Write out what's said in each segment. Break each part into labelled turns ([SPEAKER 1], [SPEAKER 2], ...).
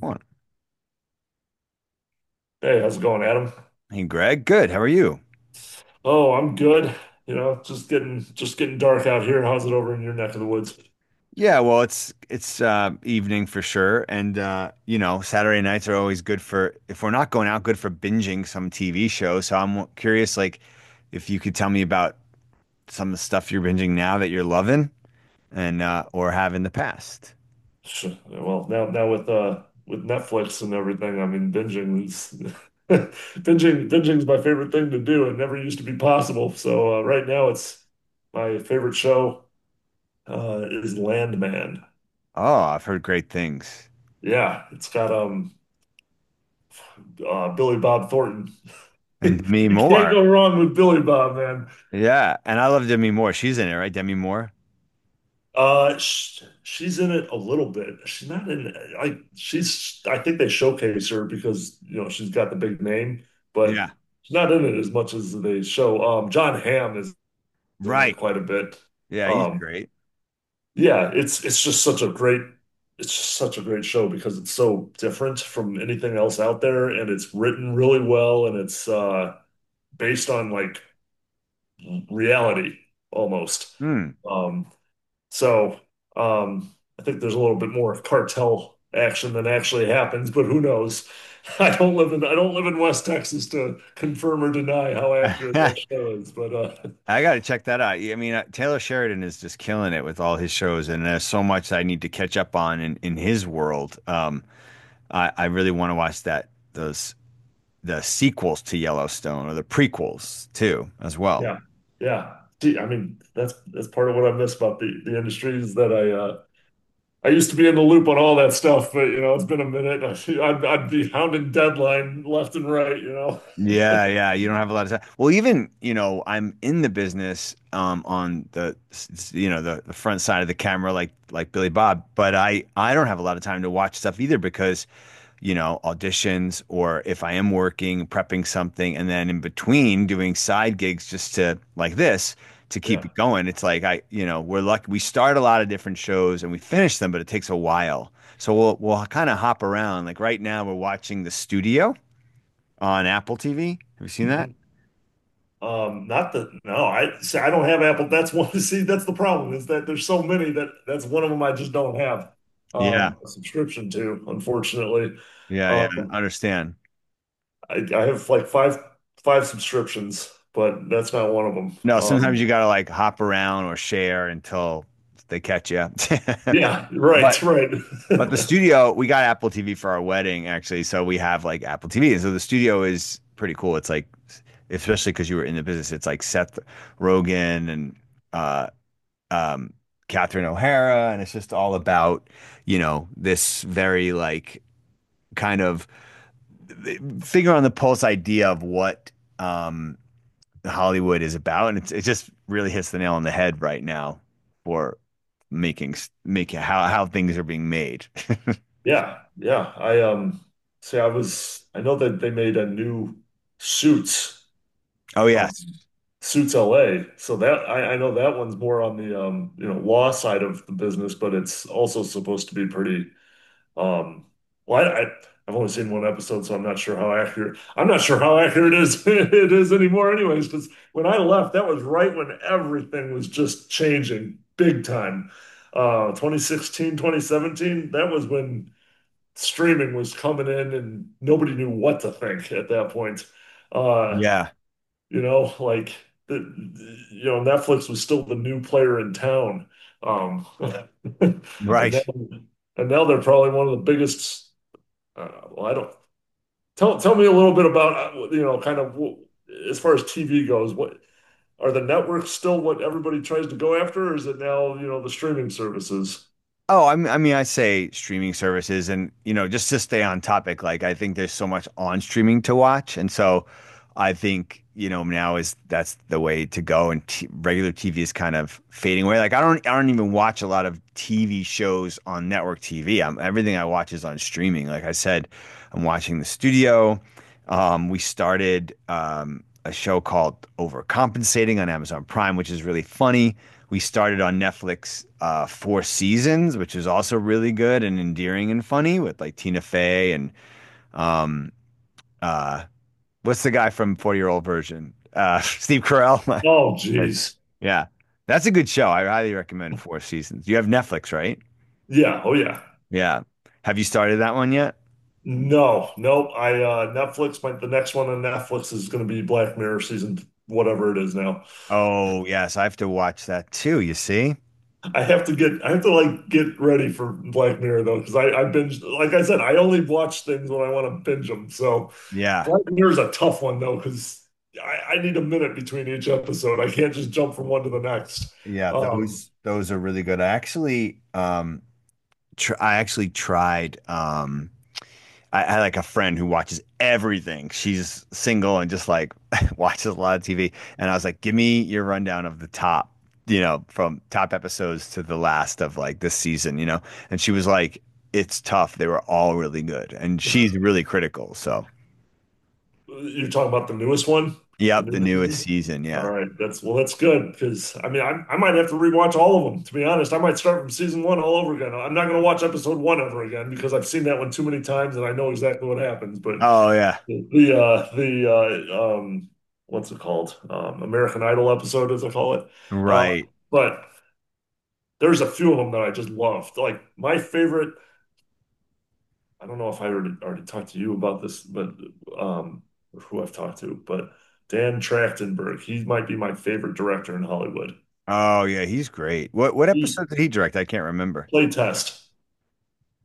[SPEAKER 1] What?
[SPEAKER 2] Hey, how's it going, Adam?
[SPEAKER 1] Hey, Greg. Good. How are you?
[SPEAKER 2] Oh, I'm good. You know, just getting dark out here. How's it over in your neck of the woods?
[SPEAKER 1] Yeah, well, it's evening for sure, and you know, Saturday nights are always good for if we're not going out, good for binging some TV show. So I'm curious, like, if you could tell me about some of the stuff you're binging now that you're loving and or have in the past.
[SPEAKER 2] Well, now with Netflix and everything, I mean binging is binging's my favorite thing to do. It never used to be possible. So right now it's my favorite show is Landman.
[SPEAKER 1] Oh, I've heard great things.
[SPEAKER 2] Yeah, it's got Billy Bob Thornton.
[SPEAKER 1] And Demi
[SPEAKER 2] You can't go
[SPEAKER 1] Moore.
[SPEAKER 2] wrong with Billy Bob.
[SPEAKER 1] Yeah, and I love Demi Moore. She's in it, right? Demi Moore.
[SPEAKER 2] Sh She's in it a little bit. She's not in. I she's. I think they showcase her because you know she's got the big name, but
[SPEAKER 1] Yeah.
[SPEAKER 2] she's not in it as much as they show. John Hamm is in it
[SPEAKER 1] Right.
[SPEAKER 2] quite a bit.
[SPEAKER 1] Yeah, he's
[SPEAKER 2] Um,
[SPEAKER 1] great.
[SPEAKER 2] yeah, it's just such a great. It's just such a great show because it's so different from anything else out there, and it's written really well, and it's based on like reality almost.
[SPEAKER 1] Hmm.
[SPEAKER 2] Um, so I think there's a little bit more of cartel action than actually happens, but who knows? I don't live in West Texas to confirm or deny how accurate that show is, but
[SPEAKER 1] I got to check that out. Yeah, I mean, Taylor Sheridan is just killing it with all his shows, and there's so much I need to catch up on in his world. I really want to watch that those the sequels to Yellowstone or the prequels too, as well.
[SPEAKER 2] yeah, yeah. Gee, I mean, that's part of what I miss about the industry is that I used to be in the loop on all that stuff, but you know, it's been a minute. I'd be hounding deadline left and right, you know.
[SPEAKER 1] Yeah, yeah, you don't have a lot of time. Well, even you know, I'm in the business on the you know the front side of the camera, like Billy Bob, but I don't have a lot of time to watch stuff either because you know, auditions or if I am working, prepping something, and then in between doing side gigs just to like this to keep
[SPEAKER 2] Yeah.
[SPEAKER 1] it going. It's like I, you know, we're lucky we start a lot of different shows and we finish them, but it takes a while. So we'll kind of hop around. Like right now we're watching The Studio on Apple TV. Have you seen that?
[SPEAKER 2] Mhm. Not the no, I see, I don't have Apple. That's one. See, that's the problem is that there's so many that that's one of them I just don't have
[SPEAKER 1] Yeah.
[SPEAKER 2] a subscription to, unfortunately.
[SPEAKER 1] Yeah, yeah. I
[SPEAKER 2] Um,
[SPEAKER 1] understand.
[SPEAKER 2] I have like five subscriptions, but that's not one of them.
[SPEAKER 1] No, sometimes you gotta like hop around or share until they catch you up.
[SPEAKER 2] Yeah, right,
[SPEAKER 1] But
[SPEAKER 2] right.
[SPEAKER 1] But the studio, we got Apple TV for our wedding, actually. So we have like Apple TV. And so the studio is pretty cool. It's like, especially because you were in the business, it's like Seth Rogen and uh, um, Catherine O'Hara. And it's just all about, you know, this very like kind of finger on the pulse idea of what um, Hollywood is about. And it's, it just really hits the nail on the head right now for making, making how things are being made.
[SPEAKER 2] Yeah, yeah. I see, I was I know that they made a new Suits.
[SPEAKER 1] Oh, yeah.
[SPEAKER 2] um, Suits LA. So that I know that one's more on the you know, law side of the business, but it's also supposed to be pretty um well I, I I've only seen one episode, so I'm not sure how accurate it is it is anymore anyways, because when I left, that was right when everything was just changing big time. 2016, 2017, that was when streaming was coming in and nobody knew what to think at that point. Uh
[SPEAKER 1] Yeah,
[SPEAKER 2] you know, like you know, Netflix was still the new player in town. Um, and
[SPEAKER 1] right.
[SPEAKER 2] then and now they're probably one of the biggest. Well, I don't Tell me a little bit about you know, kind of as far as TV goes. What are the networks still what everybody tries to go after, or is it now you know the streaming services?
[SPEAKER 1] Oh, I mean, I say streaming services, and you know, just to stay on topic, like I think there's so much on streaming to watch, and so I think you know now is that's the way to go, and t regular TV is kind of fading away. Like I don't even watch a lot of TV shows on network TV. Am everything I watch is on streaming. Like I said, I'm watching The Studio. We started a show called Overcompensating on Amazon Prime, which is really funny. We started on Netflix Four Seasons, which is also really good and endearing and funny with like Tina Fey and um, uh, what's the guy from 40 Year Old Version? Steve Carell.
[SPEAKER 2] Oh, geez.
[SPEAKER 1] Yeah, that's a good show. I highly recommend Four Seasons. You have Netflix, right?
[SPEAKER 2] Yeah. Oh, yeah.
[SPEAKER 1] Yeah. Have you started that one yet?
[SPEAKER 2] No, nope. I Netflix. The next one on Netflix is going to be Black Mirror season, whatever it is now.
[SPEAKER 1] Oh, yes, I have to watch that too, you see?
[SPEAKER 2] I have to like get ready for Black Mirror though, because I binge like I said, I only watch things when I want to binge them. So
[SPEAKER 1] Yeah.
[SPEAKER 2] Black Mirror is a tough one though, because I need a minute between each episode. I can't just jump from one to the next.
[SPEAKER 1] Yeah,
[SPEAKER 2] Um,
[SPEAKER 1] those are really good. I actually tr I actually tried I had like a friend who watches everything. She's single and just like watches a lot of TV. And I was like, give me your rundown of the top, you know, from top episodes to the last of like this season, you know? And she was like, it's tough. They were all really good. And she's really critical. So,
[SPEAKER 2] you're talking about the newest one, the
[SPEAKER 1] yep, the
[SPEAKER 2] newest
[SPEAKER 1] newest
[SPEAKER 2] season?
[SPEAKER 1] season.
[SPEAKER 2] All
[SPEAKER 1] Yeah.
[SPEAKER 2] right, that's well, that's good because I mean, I might have to rewatch all of them. To be honest, I might start from season one all over again. I'm not going to watch episode one ever again because I've seen that one too many times and I know exactly what happens. But
[SPEAKER 1] Oh, yeah.
[SPEAKER 2] The what's it called? American Idol episode as I call it. Uh
[SPEAKER 1] Right.
[SPEAKER 2] but there's a few of them that I just loved. Like my favorite, I don't know if I already talked to you about this, but um or who I've talked to, but Dan Trachtenberg, he might be my favorite director in Hollywood.
[SPEAKER 1] Oh, yeah. He's great. What
[SPEAKER 2] He
[SPEAKER 1] episode did he direct? I can't remember.
[SPEAKER 2] Play test.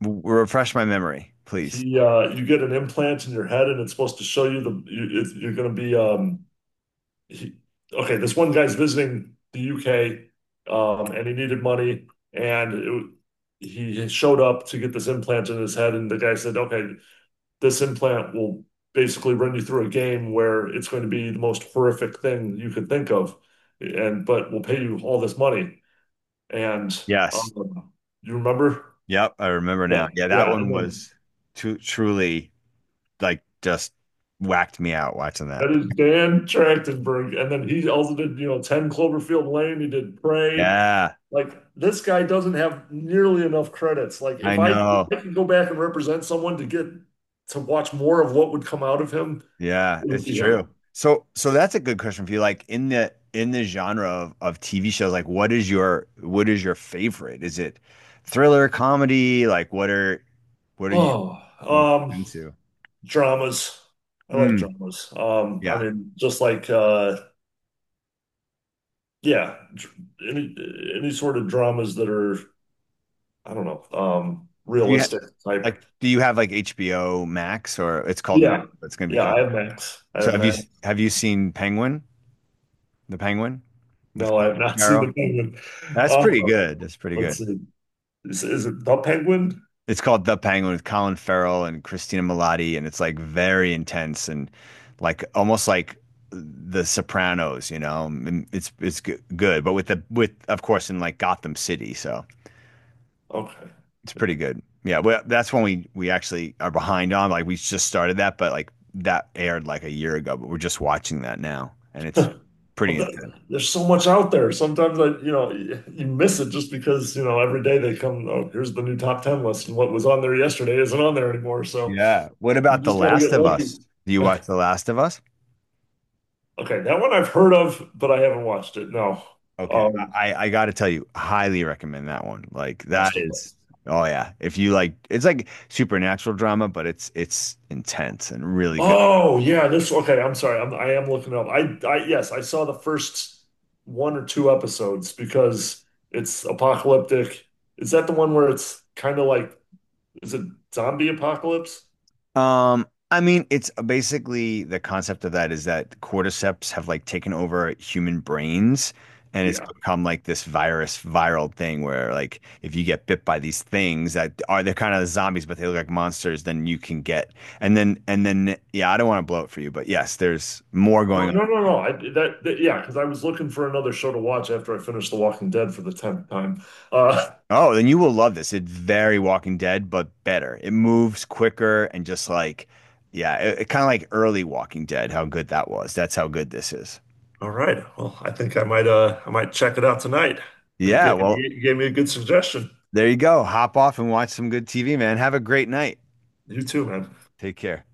[SPEAKER 1] W- refresh my memory, please.
[SPEAKER 2] He You get an implant in your head and it's supposed to show you you're going to be he, okay, this one guy's visiting the UK, and he needed money, and he showed up to get this implant in his head, and the guy said, "Okay, this implant will basically run you through a game where it's going to be the most horrific thing you could think of, and but we'll pay you all this money." And
[SPEAKER 1] Yes.
[SPEAKER 2] um, you remember?
[SPEAKER 1] Yep, I remember
[SPEAKER 2] Yeah,
[SPEAKER 1] now. Yeah, that
[SPEAKER 2] yeah, and
[SPEAKER 1] one
[SPEAKER 2] then.
[SPEAKER 1] was truly like just whacked me out watching
[SPEAKER 2] That
[SPEAKER 1] that.
[SPEAKER 2] is Dan Trachtenberg. And then he also did, you know, 10 Cloverfield Lane. He did Prey.
[SPEAKER 1] Yeah,
[SPEAKER 2] Like this guy doesn't have nearly enough credits. Like
[SPEAKER 1] I
[SPEAKER 2] if
[SPEAKER 1] know.
[SPEAKER 2] I could go back and represent someone to get to watch more of what would come out of him,
[SPEAKER 1] Yeah,
[SPEAKER 2] it would
[SPEAKER 1] it's
[SPEAKER 2] be him.
[SPEAKER 1] true. So so that's a good question for you. Like in the genre of TV shows, like what is your favorite? Is it thriller, comedy? Like what are you
[SPEAKER 2] Oh,
[SPEAKER 1] most
[SPEAKER 2] um,
[SPEAKER 1] into?
[SPEAKER 2] Dramas. I like
[SPEAKER 1] Mm,
[SPEAKER 2] dramas. I
[SPEAKER 1] yeah.
[SPEAKER 2] mean, just like yeah, dr- any sort of dramas that are I don't know,
[SPEAKER 1] Do you have
[SPEAKER 2] realistic
[SPEAKER 1] like
[SPEAKER 2] type.
[SPEAKER 1] do you have like HBO Max or it's called Max,
[SPEAKER 2] Yeah,
[SPEAKER 1] but it's gonna be
[SPEAKER 2] yeah. I
[SPEAKER 1] called.
[SPEAKER 2] have Max. I
[SPEAKER 1] So
[SPEAKER 2] have Max.
[SPEAKER 1] have you seen Penguin? The Penguin with
[SPEAKER 2] No, I
[SPEAKER 1] Colin
[SPEAKER 2] have not seen
[SPEAKER 1] Farrell.
[SPEAKER 2] the Penguin.
[SPEAKER 1] That's
[SPEAKER 2] Um,
[SPEAKER 1] pretty good. That's pretty
[SPEAKER 2] let's
[SPEAKER 1] good.
[SPEAKER 2] see. Is it the Penguin?
[SPEAKER 1] It's called The Penguin with Colin Farrell and Christina Milioti, and it's like very intense and like almost like The Sopranos. You know, and it's good, but with the with of course in like Gotham City, so
[SPEAKER 2] Okay.
[SPEAKER 1] it's pretty good. Yeah, well, that's when we actually are behind on. Like we just started that, but like that aired like a year ago, but we're just watching that now, and it's pretty
[SPEAKER 2] Well,
[SPEAKER 1] intense.
[SPEAKER 2] there's so much out there. Sometimes you know, you miss it just because, you know, every day they come, oh, here's the new top 10 list, and what was on there yesterday isn't on there anymore. So
[SPEAKER 1] Yeah. What
[SPEAKER 2] you
[SPEAKER 1] about The
[SPEAKER 2] just got to get
[SPEAKER 1] Last of
[SPEAKER 2] lucky.
[SPEAKER 1] Us? Do you watch The Last of Us?
[SPEAKER 2] Okay, that one I've heard of, but I haven't watched it. No.
[SPEAKER 1] Okay,
[SPEAKER 2] Um,
[SPEAKER 1] I got to tell you, highly recommend that one. Like that is,
[SPEAKER 2] Masterpiece.
[SPEAKER 1] oh yeah, if you like, it's like supernatural drama, but it's intense and really good.
[SPEAKER 2] Oh, yeah, this okay, I'm sorry. I am looking it up. I Yes, I saw the first one or two episodes because it's apocalyptic. Is that the one where it's kind of like is it zombie apocalypse?
[SPEAKER 1] I mean, it's basically the concept of that is that cordyceps have like taken over human brains, and it's
[SPEAKER 2] Yeah.
[SPEAKER 1] become like this viral thing where like if you get bit by these things that are they're kind of zombies, but they look like monsters, then you can get and then yeah, I don't want to blow it for you, but yes, there's more
[SPEAKER 2] No,
[SPEAKER 1] going on.
[SPEAKER 2] no, no, no. I that, that Yeah, because I was looking for another show to watch after I finished The Walking Dead for the tenth time. Uh,
[SPEAKER 1] Oh, then you will love this. It's very Walking Dead, but better. It moves quicker and just like, yeah, it kind of like early Walking Dead, how good that was. That's how good this is.
[SPEAKER 2] All right. Well, I think I might check it out tonight.
[SPEAKER 1] Yeah, okay. Well,
[SPEAKER 2] You gave me a good suggestion.
[SPEAKER 1] there you go. Hop off and watch some good TV, man. Have a great night.
[SPEAKER 2] You too, man.
[SPEAKER 1] Take care.